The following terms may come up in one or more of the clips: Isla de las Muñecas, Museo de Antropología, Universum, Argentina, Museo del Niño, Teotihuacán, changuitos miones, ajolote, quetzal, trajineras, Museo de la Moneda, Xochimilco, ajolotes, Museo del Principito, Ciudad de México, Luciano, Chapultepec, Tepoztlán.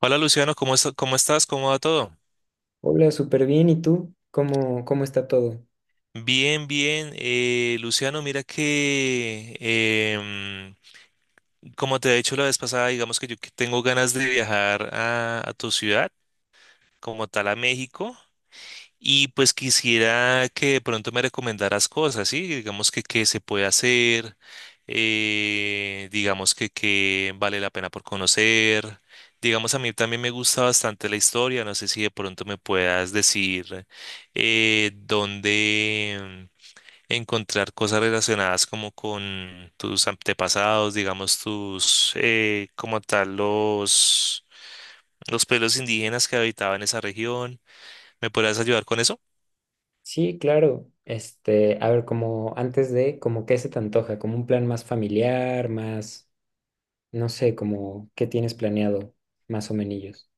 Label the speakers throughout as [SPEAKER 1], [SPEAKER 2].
[SPEAKER 1] Hola Luciano, ¿cómo estás? ¿Cómo estás? ¿Cómo va todo?
[SPEAKER 2] Hola, súper bien. ¿Y tú? ¿Cómo está todo?
[SPEAKER 1] Bien, bien. Luciano, mira que, como te he dicho la vez pasada, digamos que yo que tengo ganas de viajar a tu ciudad, como tal a México. Y pues quisiera que de pronto me recomendaras cosas, ¿sí? Digamos que qué se puede hacer, digamos que qué vale la pena por conocer. Digamos, a mí también me gusta bastante la historia, no sé si de pronto me puedas decir dónde encontrar cosas relacionadas como con tus antepasados, digamos, tus, como tal, los pueblos indígenas que habitaban esa región. ¿Me podrías ayudar con eso?
[SPEAKER 2] Sí, claro. Este, a ver, como qué se te antoja, como un plan más familiar, más, no sé, como qué tienes planeado, más o menos.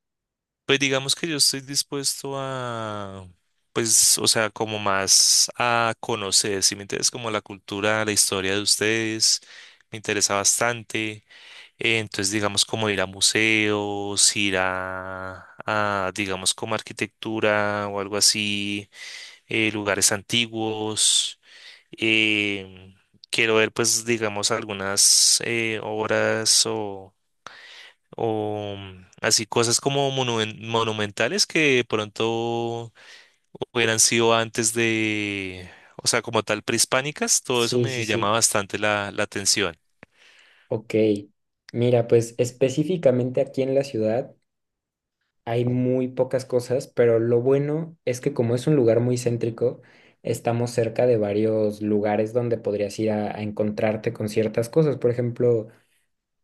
[SPEAKER 1] Pues digamos que yo estoy dispuesto a, pues, o sea, como más a conocer, si me interesa como la cultura, la historia de ustedes, me interesa bastante. Entonces, digamos, como ir a museos, ir digamos, como arquitectura o algo así, lugares antiguos. em, Quiero ver, pues, digamos, algunas obras o mm, así cosas como monumentales que de pronto hubieran sido antes de, o sea, como tal prehispánicas, todo eso
[SPEAKER 2] Sí, sí,
[SPEAKER 1] me llama
[SPEAKER 2] sí.
[SPEAKER 1] bastante la atención.
[SPEAKER 2] Ok. Mira, pues específicamente aquí en la ciudad hay muy pocas cosas, pero lo bueno es que como es un lugar muy céntrico, estamos cerca de varios lugares donde podrías ir a encontrarte con ciertas cosas. Por ejemplo,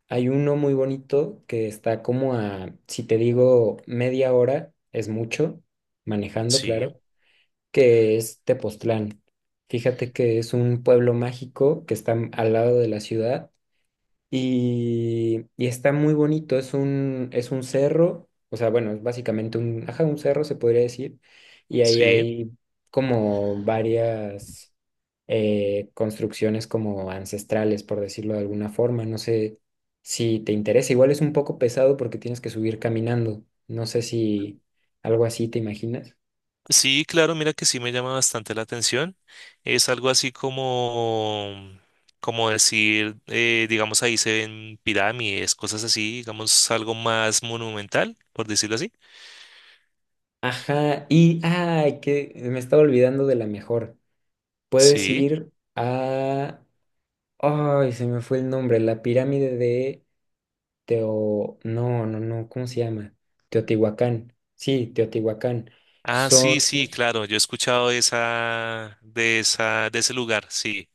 [SPEAKER 2] hay uno muy bonito que está como a, si te digo media hora, es mucho, manejando,
[SPEAKER 1] Sí,
[SPEAKER 2] claro, que es Tepoztlán. Fíjate que es un pueblo mágico que está al lado de la ciudad y está muy bonito, es un cerro, o sea, bueno, es básicamente un, ajá, un cerro se podría decir, y ahí
[SPEAKER 1] sí.
[SPEAKER 2] hay como varias construcciones como ancestrales, por decirlo de alguna forma, no sé si te interesa, igual es un poco pesado porque tienes que subir caminando, no sé si algo así te imaginas.
[SPEAKER 1] Sí, claro, mira que sí me llama bastante la atención. Es algo así como, mm, como decir, digamos, ahí se ven pirámides, cosas así, digamos, algo más monumental, por decirlo así.
[SPEAKER 2] Ajá, y, ay, que me estaba olvidando de la mejor, puedes
[SPEAKER 1] Sí.
[SPEAKER 2] ir a... Ay, se me fue el nombre, la pirámide de Teo... No, no, no, ¿cómo se llama? Teotihuacán. Sí, Teotihuacán.
[SPEAKER 1] Ah, sí,
[SPEAKER 2] Son...
[SPEAKER 1] sí, claro, yo he escuchado de esa, de ese lugar, sí,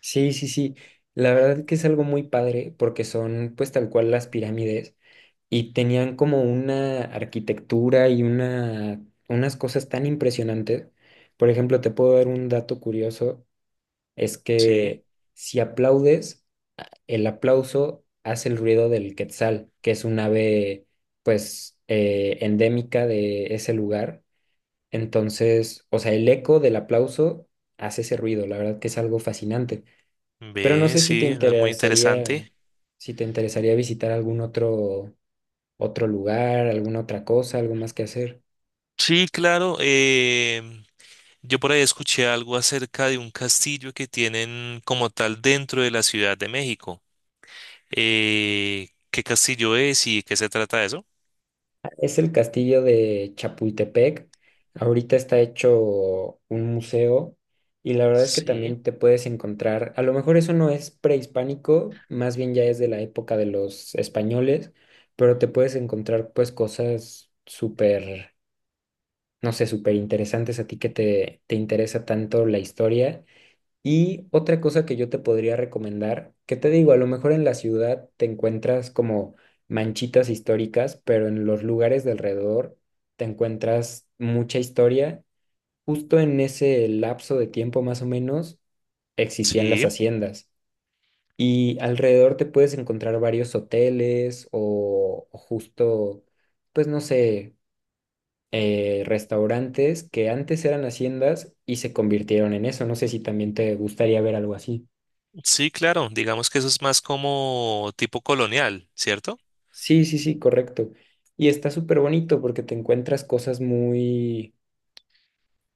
[SPEAKER 2] Sí, sí, sí. La verdad que es algo muy padre porque son pues tal cual las pirámides y tenían como una arquitectura y una... unas cosas tan impresionantes. Por ejemplo, te puedo dar un dato curioso, es
[SPEAKER 1] sí,
[SPEAKER 2] que si aplaudes el aplauso hace el ruido del quetzal, que es un ave, pues, endémica de ese lugar. Entonces, o sea, el eco del aplauso hace ese ruido, la verdad que es algo fascinante. Pero no
[SPEAKER 1] ve,
[SPEAKER 2] sé si te
[SPEAKER 1] sí, es muy
[SPEAKER 2] interesaría,
[SPEAKER 1] interesante.
[SPEAKER 2] si te interesaría visitar algún otro, otro lugar, alguna otra cosa, algo más que hacer.
[SPEAKER 1] Sí, claro, yo por ahí escuché algo acerca de un castillo que tienen como tal dentro de la Ciudad de México. ¿Qué castillo es y qué se trata de eso?
[SPEAKER 2] Es el castillo de Chapultepec. Ahorita está hecho un museo y la verdad es que
[SPEAKER 1] Sí,
[SPEAKER 2] también te puedes encontrar, a lo mejor eso no es prehispánico, más bien ya es de la época de los españoles, pero te puedes encontrar pues cosas súper, no sé, súper interesantes a ti te interesa tanto la historia, y otra cosa que yo te podría recomendar, que te digo, a lo mejor en la ciudad te encuentras como manchitas históricas, pero en los lugares de alrededor te encuentras mucha historia. Justo en ese lapso de tiempo más o menos existían las
[SPEAKER 1] sí,
[SPEAKER 2] haciendas y alrededor te puedes encontrar varios hoteles o justo, pues no sé, restaurantes que antes eran haciendas y se convirtieron en eso. No sé si también te gustaría ver algo así.
[SPEAKER 1] sí, claro, digamos que eso es más como tipo colonial, ¿cierto?
[SPEAKER 2] Sí, sí, sí, correcto. Y está súper bonito porque te encuentras cosas muy,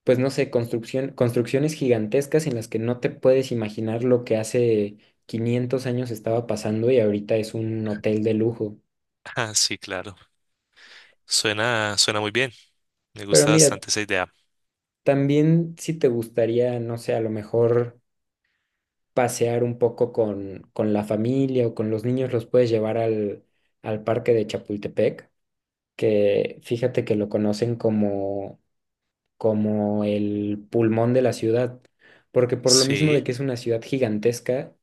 [SPEAKER 2] pues no sé, construcciones gigantescas en las que no te puedes imaginar lo que hace 500 años estaba pasando, y ahorita es un hotel de lujo.
[SPEAKER 1] Ah, sí, claro. Suena, suena muy bien. Me
[SPEAKER 2] Pero
[SPEAKER 1] gusta
[SPEAKER 2] mira,
[SPEAKER 1] bastante esa idea.
[SPEAKER 2] también si te gustaría, no sé, a lo mejor pasear un poco con la familia o con los niños, los puedes llevar al parque de Chapultepec, que fíjate que lo conocen como el pulmón de la ciudad, porque por lo mismo de
[SPEAKER 1] Sí,
[SPEAKER 2] que es una ciudad gigantesca,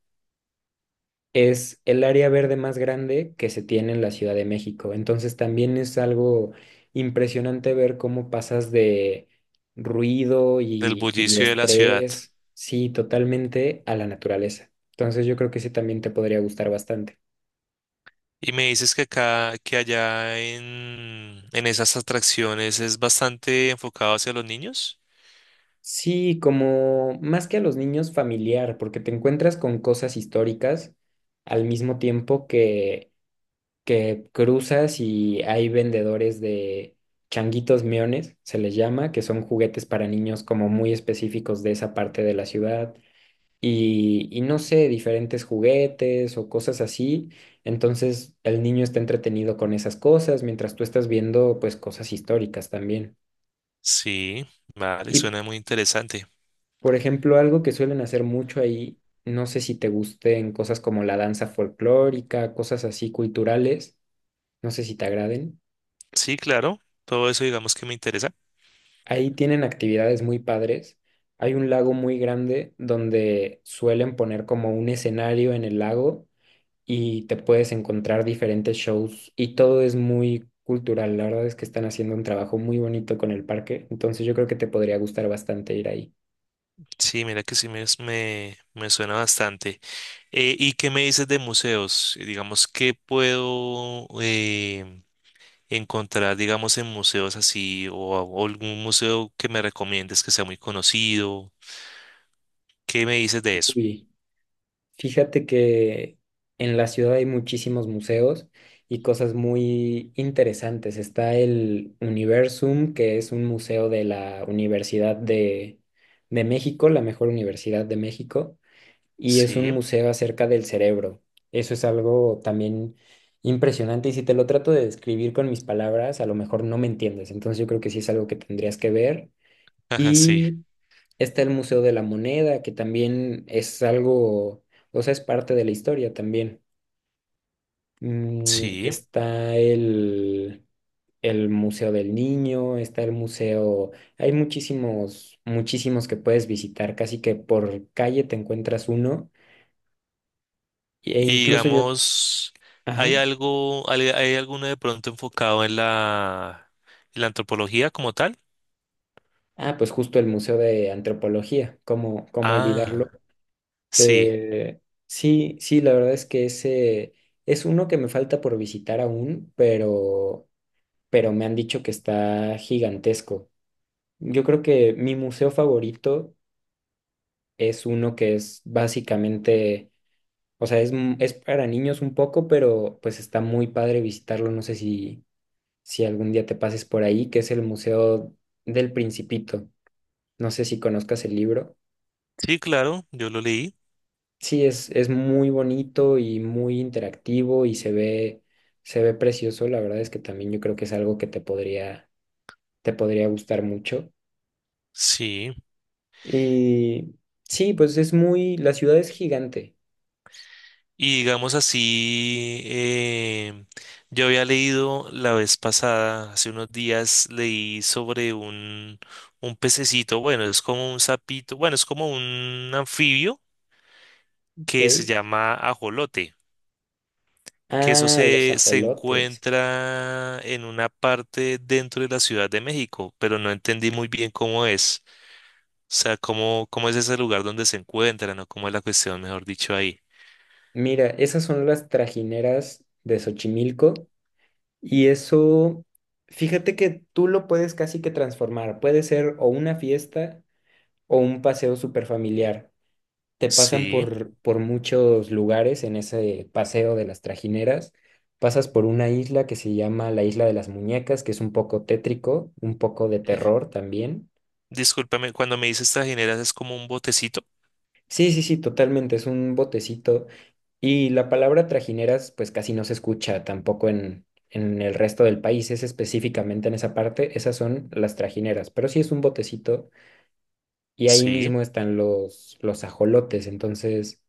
[SPEAKER 2] es el área verde más grande que se tiene en la Ciudad de México. Entonces también es algo impresionante ver cómo pasas de ruido
[SPEAKER 1] del
[SPEAKER 2] y
[SPEAKER 1] bullicio de la ciudad.
[SPEAKER 2] estrés, sí, totalmente a la naturaleza. Entonces yo creo que ese también te podría gustar bastante.
[SPEAKER 1] Y me dices que acá, que allá en esas atracciones es bastante enfocado hacia los niños.
[SPEAKER 2] Sí, como más que a los niños familiar, porque te encuentras con cosas históricas al mismo tiempo que cruzas y hay vendedores de changuitos miones, se les llama, que son juguetes para niños como muy específicos de esa parte de la ciudad. Y no sé, diferentes juguetes o cosas así. Entonces el niño está entretenido con esas cosas mientras tú estás viendo pues cosas históricas también.
[SPEAKER 1] Sí, vale,
[SPEAKER 2] Y
[SPEAKER 1] suena muy interesante.
[SPEAKER 2] por ejemplo, algo que suelen hacer mucho ahí, no sé si te gusten cosas como la danza folclórica, cosas así culturales, no sé si te agraden.
[SPEAKER 1] Sí, claro. Todo eso digamos que me interesa.
[SPEAKER 2] Ahí tienen actividades muy padres. Hay un lago muy grande donde suelen poner como un escenario en el lago y te puedes encontrar diferentes shows y todo es muy cultural. La verdad es que están haciendo un trabajo muy bonito con el parque, entonces yo creo que te podría gustar bastante ir ahí.
[SPEAKER 1] Sí, mira que sí me suena bastante. ¿Y qué me dices de museos? Digamos, ¿qué puedo, encontrar, digamos, en museos así o algún museo que me recomiendes que sea muy conocido? ¿Qué me dices de eso?
[SPEAKER 2] Uy. Fíjate que en la ciudad hay muchísimos museos y cosas muy interesantes. Está el Universum, que es un museo de la de México, la mejor universidad de México, y es un
[SPEAKER 1] Sí,
[SPEAKER 2] museo acerca del cerebro. Eso es algo también impresionante, y si te lo trato de describir con mis palabras, a lo mejor no me entiendes. Entonces yo creo que sí es algo que tendrías que ver.
[SPEAKER 1] ajá, sí,
[SPEAKER 2] Y está el Museo de la Moneda, que también es algo, o sea, es parte de la historia también. Mm,
[SPEAKER 1] sí.
[SPEAKER 2] el Museo del Niño, está el museo, hay muchísimos, muchísimos que puedes visitar, casi que por calle te encuentras uno, e
[SPEAKER 1] Y
[SPEAKER 2] incluso yo,
[SPEAKER 1] digamos, ¿hay
[SPEAKER 2] ajá,
[SPEAKER 1] algo, hay alguno de pronto enfocado en en la antropología como tal?
[SPEAKER 2] ah, pues justo el Museo de Antropología, ¿cómo olvidarlo?
[SPEAKER 1] Ah, sí,
[SPEAKER 2] Te- sí, sí, la verdad es que ese es uno que me falta por visitar aún, pero me han dicho que está gigantesco. Yo creo que mi museo favorito es uno que es básicamente, o sea, es para niños un poco, pero pues está muy padre visitarlo. No sé si, si algún día te pases por ahí, que es el Museo del Principito. No sé si conozcas el libro.
[SPEAKER 1] sí, claro, yo lo leí.
[SPEAKER 2] Sí, es muy bonito y muy interactivo se ve precioso. La verdad es que también yo creo que es algo que te podría gustar mucho.
[SPEAKER 1] Sí.
[SPEAKER 2] Y sí, pues es muy, la ciudad es gigante,
[SPEAKER 1] Y digamos así, yo había leído la vez pasada, hace unos días, leí sobre un pececito, bueno, es como un sapito, bueno, es como un anfibio que se
[SPEAKER 2] ¿ok?
[SPEAKER 1] llama ajolote, que eso
[SPEAKER 2] Ah, los
[SPEAKER 1] se
[SPEAKER 2] ajolotes.
[SPEAKER 1] encuentra en una parte dentro de la Ciudad de México, pero no entendí muy bien cómo es, o sea, cómo es ese lugar donde se encuentran o cómo es la cuestión, mejor dicho, ahí.
[SPEAKER 2] Mira, esas son las trajineras de Xochimilco y eso, fíjate que tú lo puedes casi que transformar. Puede ser o una fiesta o un paseo súper familiar. Te pasan
[SPEAKER 1] Sí.
[SPEAKER 2] por muchos lugares en ese paseo de las trajineras. Pasas por una isla que se llama la Isla de las Muñecas, que es un poco tétrico, un poco de terror también.
[SPEAKER 1] Discúlpame, cuando me dices trajineras es como un botecito.
[SPEAKER 2] Sí, sí, sí, totalmente, es un botecito. Y la palabra trajineras pues casi no se escucha tampoco en el resto del país, es específicamente en esa parte, esas son las trajineras, pero sí es un botecito y ahí
[SPEAKER 1] Sí,
[SPEAKER 2] mismo están los ajolotes, entonces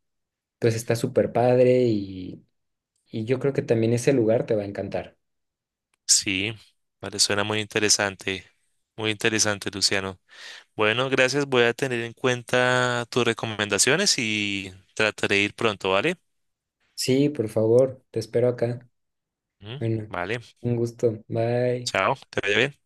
[SPEAKER 2] pues está súper padre y yo creo que también ese lugar te va a encantar.
[SPEAKER 1] sí, vale, suena muy interesante, Luciano. Bueno, gracias, voy a tener en cuenta tus recomendaciones y trataré de ir pronto, ¿vale?
[SPEAKER 2] Sí, por favor, te espero acá.
[SPEAKER 1] Ujú,
[SPEAKER 2] Bueno,
[SPEAKER 1] vale,
[SPEAKER 2] un gusto, bye.
[SPEAKER 1] chao, te vaya bien.